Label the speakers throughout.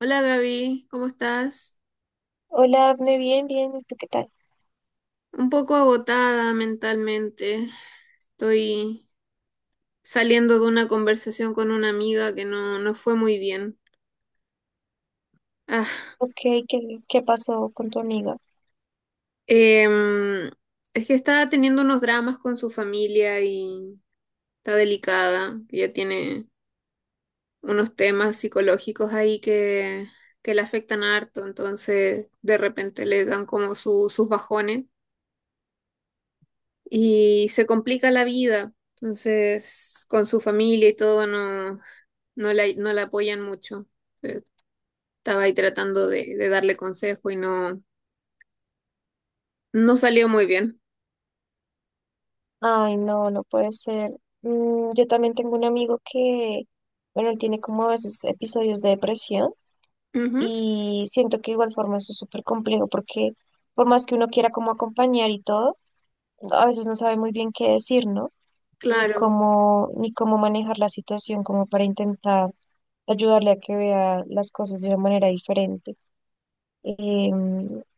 Speaker 1: Hola, Gaby, ¿cómo estás?
Speaker 2: Hola, Afne, bien, bien, ¿y tú qué tal?
Speaker 1: Un poco agotada mentalmente. Estoy saliendo de una conversación con una amiga que no fue muy bien. Ah,
Speaker 2: Ok, ¿qué, ¿qué pasó con tu amiga?
Speaker 1: em, es que está teniendo unos dramas con su familia y está delicada. Ya tiene unos temas psicológicos ahí que le afectan harto, entonces de repente le dan como sus bajones. Y se complica la vida. Entonces, con su familia y todo, no la apoyan mucho. Eh, Estaba ahí tratando de darle consejo y no salió muy bien.
Speaker 2: Ay, no, no puede ser. Mm, yo también tengo un amigo que, bueno, él tiene como a veces episodios de depresión
Speaker 1: Ujú,
Speaker 2: y siento que de igual forma eso es súper complejo porque por más que uno quiera como acompañar y todo, a veces no sabe muy bien qué decir, ¿no? Ni
Speaker 1: claro.
Speaker 2: cómo, ni cómo manejar la situación como para intentar ayudarle a que vea las cosas de una manera diferente. Eh,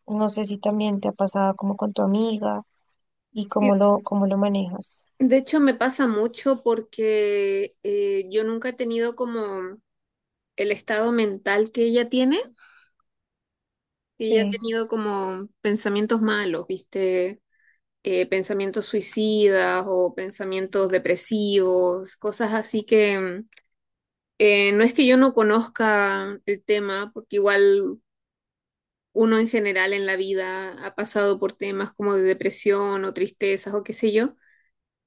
Speaker 2: no sé si también te ha pasado como con tu amiga y
Speaker 1: Sí.
Speaker 2: cómo lo manejas.
Speaker 1: De hecho, me pasa mucho porque yo nunca he tenido como el estado mental que ella tiene. Ella ha
Speaker 2: Sí.
Speaker 1: tenido como pensamientos malos, ¿viste? Pensamientos suicidas o pensamientos depresivos, cosas así que no es que yo no conozca el tema, porque igual uno en general en la vida ha pasado por temas como de depresión o tristezas o qué sé yo,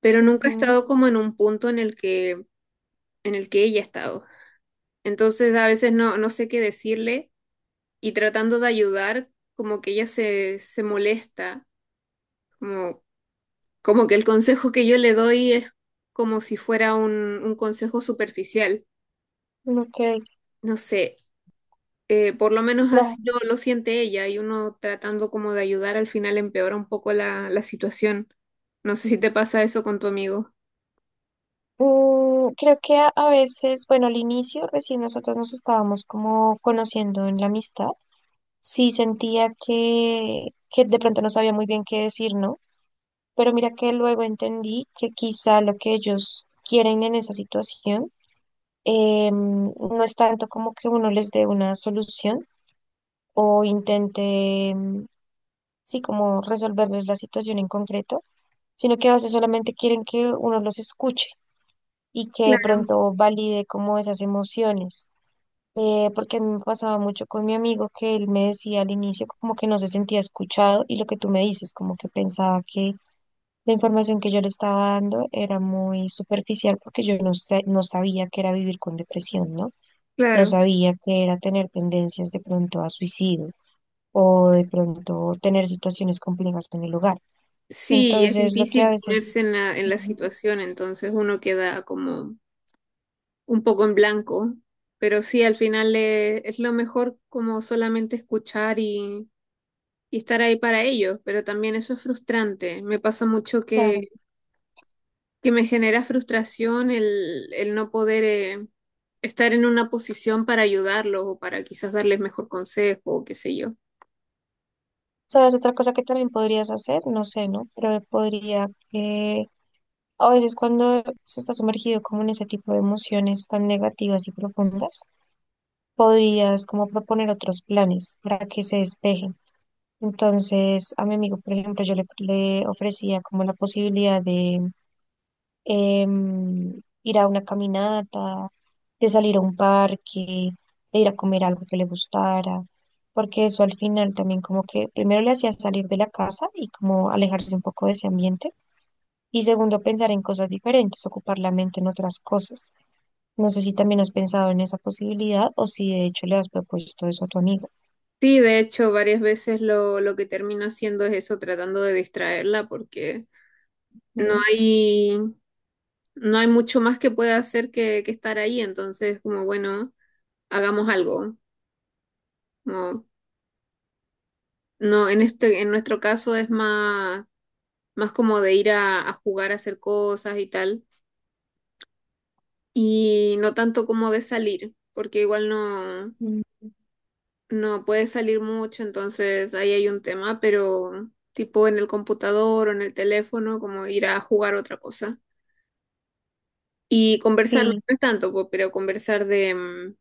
Speaker 1: pero nunca he estado como en un punto en en el que ella ha estado. Entonces a veces no sé qué decirle y tratando de ayudar, como que ella se molesta, como. Como que el consejo que yo le doy es como si fuera un consejo superficial.
Speaker 2: Ujú. Ok,
Speaker 1: No sé, por lo menos
Speaker 2: claro.
Speaker 1: así lo siente ella y uno tratando como de ayudar al final empeora un poco la situación. No sé si te pasa eso con tu amigo.
Speaker 2: Mm, creo que a veces, bueno, al inicio recién nosotros nos estábamos como conociendo en la amistad. Sí sentía que de pronto no sabía muy bien qué decir, ¿no? Pero mira que luego entendí que quizá lo que ellos quieren en esa situación no es tanto como que uno les dé una solución, o intente, sí, como resolverles la situación en concreto, sino que a veces solamente quieren que uno los escuche y que de
Speaker 1: Claro.
Speaker 2: pronto valide como esas emociones. Porque a mí me pasaba mucho con mi amigo que él me decía al inicio como que no se sentía escuchado y lo que tú me dices, como que pensaba que la información que yo le estaba dando era muy superficial porque yo no sé, no sabía que era vivir con depresión, ¿no? No
Speaker 1: Claro.
Speaker 2: sabía que era tener tendencias de pronto a suicidio o de pronto tener situaciones complejas en el hogar.
Speaker 1: Sí, es
Speaker 2: Entonces, lo que a
Speaker 1: difícil ponerse
Speaker 2: veces,
Speaker 1: en en la
Speaker 2: ujú,
Speaker 1: situación, entonces uno queda como un poco en blanco, pero sí, al final es lo mejor como solamente escuchar y estar ahí para ellos, pero también eso es frustrante. Me pasa mucho
Speaker 2: claro,
Speaker 1: que me genera frustración el no poder estar en una posición para ayudarlos o para quizás darles mejor consejo o qué sé yo.
Speaker 2: ¿sabes? Otra cosa que también podrías hacer, no sé, ¿no? Pero podría que a veces cuando se está sumergido como en ese tipo de emociones tan negativas y profundas, podrías como proponer otros planes para que se despejen. Entonces, a mi amigo, por ejemplo, yo le ofrecía como la posibilidad de ir a una caminata, de salir a un parque, de ir a comer algo que le gustara, porque eso al final también como que primero le hacía salir de la casa y como alejarse un poco de ese ambiente, y segundo pensar en cosas diferentes, ocupar la mente en otras cosas. No sé si también has pensado en esa posibilidad o si de hecho le has propuesto eso a tu amiga.
Speaker 1: Sí, de hecho, varias veces lo que termino haciendo es eso, tratando de distraerla porque no
Speaker 2: ¿No?
Speaker 1: hay, no hay mucho más que pueda hacer que estar ahí, entonces como bueno, hagamos algo. Como, no, en este, en nuestro caso es más como de ir a jugar, a hacer cosas y tal, y no tanto como de salir, porque igual
Speaker 2: Mm.
Speaker 1: no puedes salir mucho, entonces ahí hay un tema, pero tipo en el computador o en el teléfono, como ir a jugar otra cosa. Y conversar, no
Speaker 2: Sí,
Speaker 1: es tanto, po, pero conversar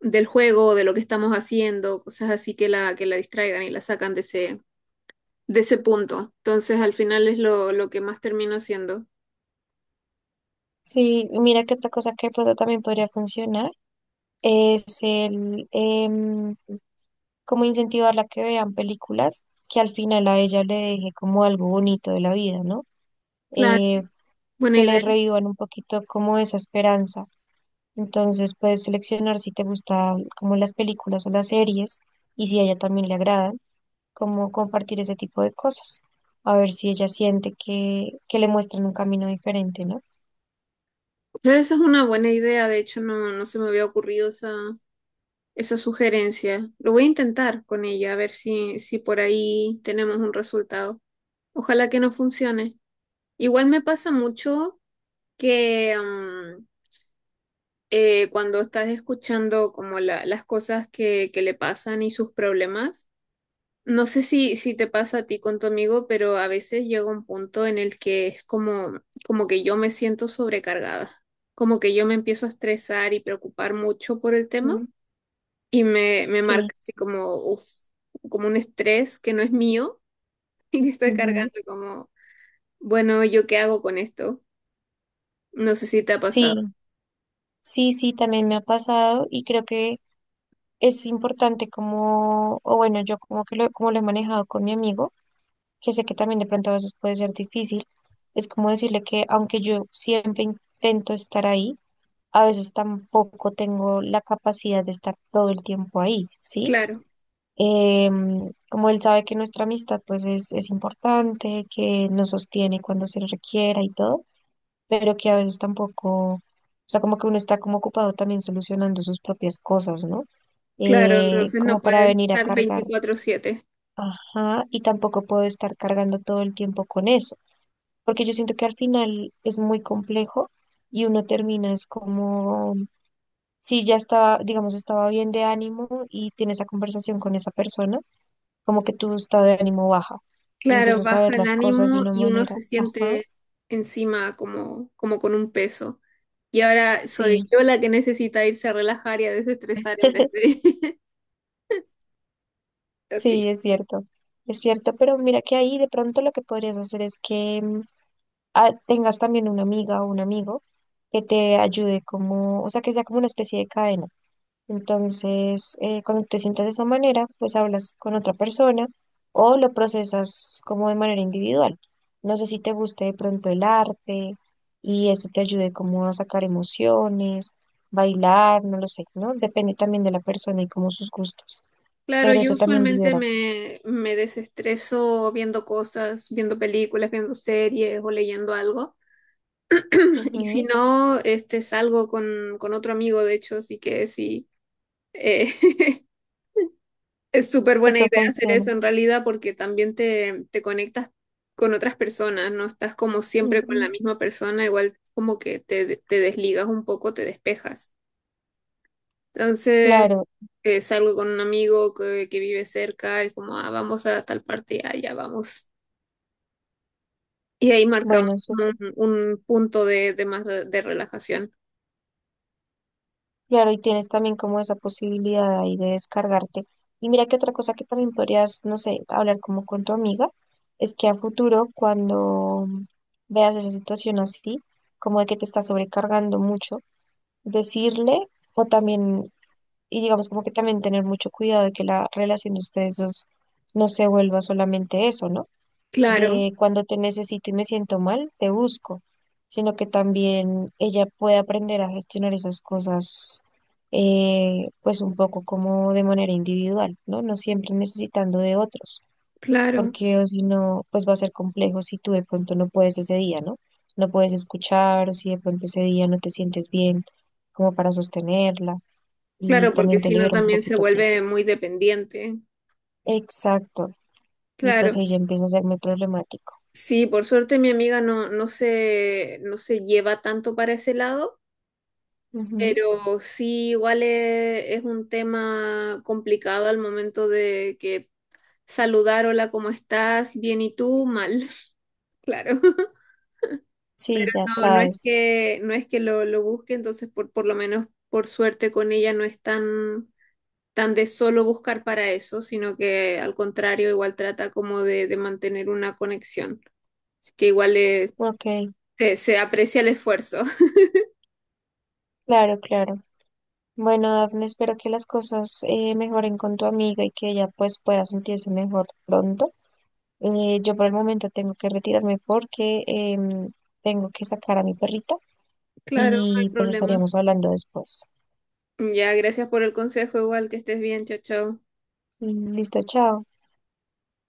Speaker 1: del juego, de lo que estamos haciendo, cosas así que la distraigan y la sacan de de ese punto. Entonces al final es lo que más termino haciendo.
Speaker 2: sí, mira que otra cosa que de pronto también podría funcionar es como incentivarla a que vean películas que al final a ella le deje como algo bonito de la vida, ¿no?
Speaker 1: Claro,
Speaker 2: Eh,
Speaker 1: buena
Speaker 2: que le
Speaker 1: idea.
Speaker 2: revivan un poquito como esa esperanza. Entonces puedes seleccionar si te gustan como las películas o las series y si a ella también le agradan, como compartir ese tipo de cosas. A ver si ella siente que le muestran un camino diferente, ¿no?
Speaker 1: Pero esa es una buena idea, de hecho no se me había ocurrido esa sugerencia. Lo voy a intentar con ella, a ver si por ahí tenemos un resultado. Ojalá que no funcione. Igual me pasa mucho que cuando estás escuchando como las cosas que le pasan y sus problemas. No sé si te pasa a ti con tu amigo, pero a veces llega un punto en el que es como, como que yo me siento sobrecargada, como que yo me empiezo a estresar y preocupar mucho por el tema
Speaker 2: Mm,
Speaker 1: y me
Speaker 2: sí.
Speaker 1: marca así como, uf, como un estrés que no es mío y que estoy
Speaker 2: Ujú.
Speaker 1: cargando como, bueno, ¿yo qué hago con esto? No sé si te ha pasado.
Speaker 2: Sí, sí, sí, también me ha pasado y creo que es importante como, o bueno, yo como que lo, como lo he manejado con mi amigo, que sé que también de pronto a veces puede ser difícil, es como decirle que aunque yo siempre intento estar ahí, a veces tampoco tengo la capacidad de estar todo el tiempo ahí, ¿sí?
Speaker 1: Claro,
Speaker 2: Em, como él sabe que nuestra amistad pues es importante, que nos sostiene cuando se requiera y todo, pero que a veces tampoco, o sea, como que uno está como ocupado también solucionando sus propias cosas, ¿no?
Speaker 1: claro, entonces
Speaker 2: Como
Speaker 1: no
Speaker 2: para
Speaker 1: puedes
Speaker 2: venir a
Speaker 1: estar
Speaker 2: cargar,
Speaker 1: 24/7.
Speaker 2: ajá, y tampoco puedo estar cargando todo el tiempo con eso, porque yo siento que al final es muy complejo y uno termina es como, si ya estaba, digamos, estaba bien de ánimo y tiene esa conversación con esa persona, como que tu estado de ánimo baja y
Speaker 1: Claro,
Speaker 2: empiezas a
Speaker 1: baja
Speaker 2: ver
Speaker 1: el
Speaker 2: las cosas de
Speaker 1: ánimo
Speaker 2: una
Speaker 1: y uno
Speaker 2: manera,
Speaker 1: se
Speaker 2: ajá,
Speaker 1: siente encima como, como con un peso. Y ahora soy
Speaker 2: sí.
Speaker 1: yo la que necesita irse a relajar y a desestresar en vez de... Pero
Speaker 2: Sí,
Speaker 1: sí.
Speaker 2: es cierto, pero mira que ahí de pronto lo que podrías hacer es que tengas también una amiga o un amigo que te ayude como, o sea, que sea como una especie de cadena. Entonces, cuando te sientas de esa manera, pues hablas con otra persona o lo procesas como de manera individual. No sé si te guste de pronto el arte y eso te ayude como a sacar emociones, bailar, no lo sé, ¿no? Depende también de la persona y como sus gustos,
Speaker 1: Claro,
Speaker 2: pero
Speaker 1: yo
Speaker 2: eso también
Speaker 1: usualmente
Speaker 2: libera.
Speaker 1: me desestreso viendo cosas, viendo películas, viendo series o leyendo algo. Y si
Speaker 2: Ujú.
Speaker 1: no, este, salgo con otro amigo, de hecho, así que sí. eh, es súper buena
Speaker 2: Eso
Speaker 1: idea hacer
Speaker 2: funciona.
Speaker 1: eso en realidad porque también te conectas con otras personas, no estás como siempre con la
Speaker 2: Ujú.
Speaker 1: misma persona, igual como que te desligas un poco, te despejas. Entonces,
Speaker 2: Claro,
Speaker 1: salgo con un amigo que vive cerca y como, ah, vamos a tal parte, ah, ya vamos. Y ahí marcamos
Speaker 2: bueno, eso,
Speaker 1: como un punto de relajación.
Speaker 2: claro, y tienes también como esa posibilidad ahí de descargarte. Y mira que otra cosa que también podrías, no sé, hablar como con tu amiga, es que a futuro, cuando veas esa situación así, como de que te está sobrecargando mucho, decirle o también, y digamos como que también tener mucho cuidado de que la relación de ustedes dos no se vuelva solamente eso, ¿no?
Speaker 1: Claro,
Speaker 2: De cuando te necesito y me siento mal, te busco, sino que también ella puede aprender a gestionar esas cosas, pues un poco como de manera individual, ¿no? No siempre necesitando de otros,
Speaker 1: claro,
Speaker 2: porque o si no, pues va a ser complejo si tú de pronto no puedes ese día, ¿no? No puedes escuchar o si de pronto ese día no te sientes bien como para sostenerla y
Speaker 1: claro, porque
Speaker 2: también te
Speaker 1: si no
Speaker 2: libera un
Speaker 1: también se
Speaker 2: poquito a ti.
Speaker 1: vuelve muy dependiente.
Speaker 2: Exacto. Y pues
Speaker 1: Claro.
Speaker 2: ahí ya empieza a hacerme problemático.
Speaker 1: Sí, por suerte mi amiga no se lleva tanto para ese lado,
Speaker 2: Ujú.
Speaker 1: pero sí igual es un tema complicado al momento de que saludar, hola, ¿cómo estás? Bien, ¿y tú? Mal, claro.
Speaker 2: Sí, ya
Speaker 1: No,
Speaker 2: sabes.
Speaker 1: no es que lo busque, entonces por lo menos por suerte con ella no es tan, tan de solo buscar para eso, sino que al contrario igual trata como de mantener una conexión. Así que igual
Speaker 2: Ok,
Speaker 1: se aprecia el esfuerzo.
Speaker 2: claro, claro. Bueno, Dafne, espero que las cosas mejoren con tu amiga y que ella pues pueda sentirse mejor pronto. Yo por el momento tengo que retirarme porque em, tengo que sacar a mi perrita
Speaker 1: Claro, no hay
Speaker 2: y pues
Speaker 1: problema.
Speaker 2: estaríamos hablando después.
Speaker 1: Ya, gracias por el consejo, igual que estés bien, chao, chao.
Speaker 2: Listo, chao.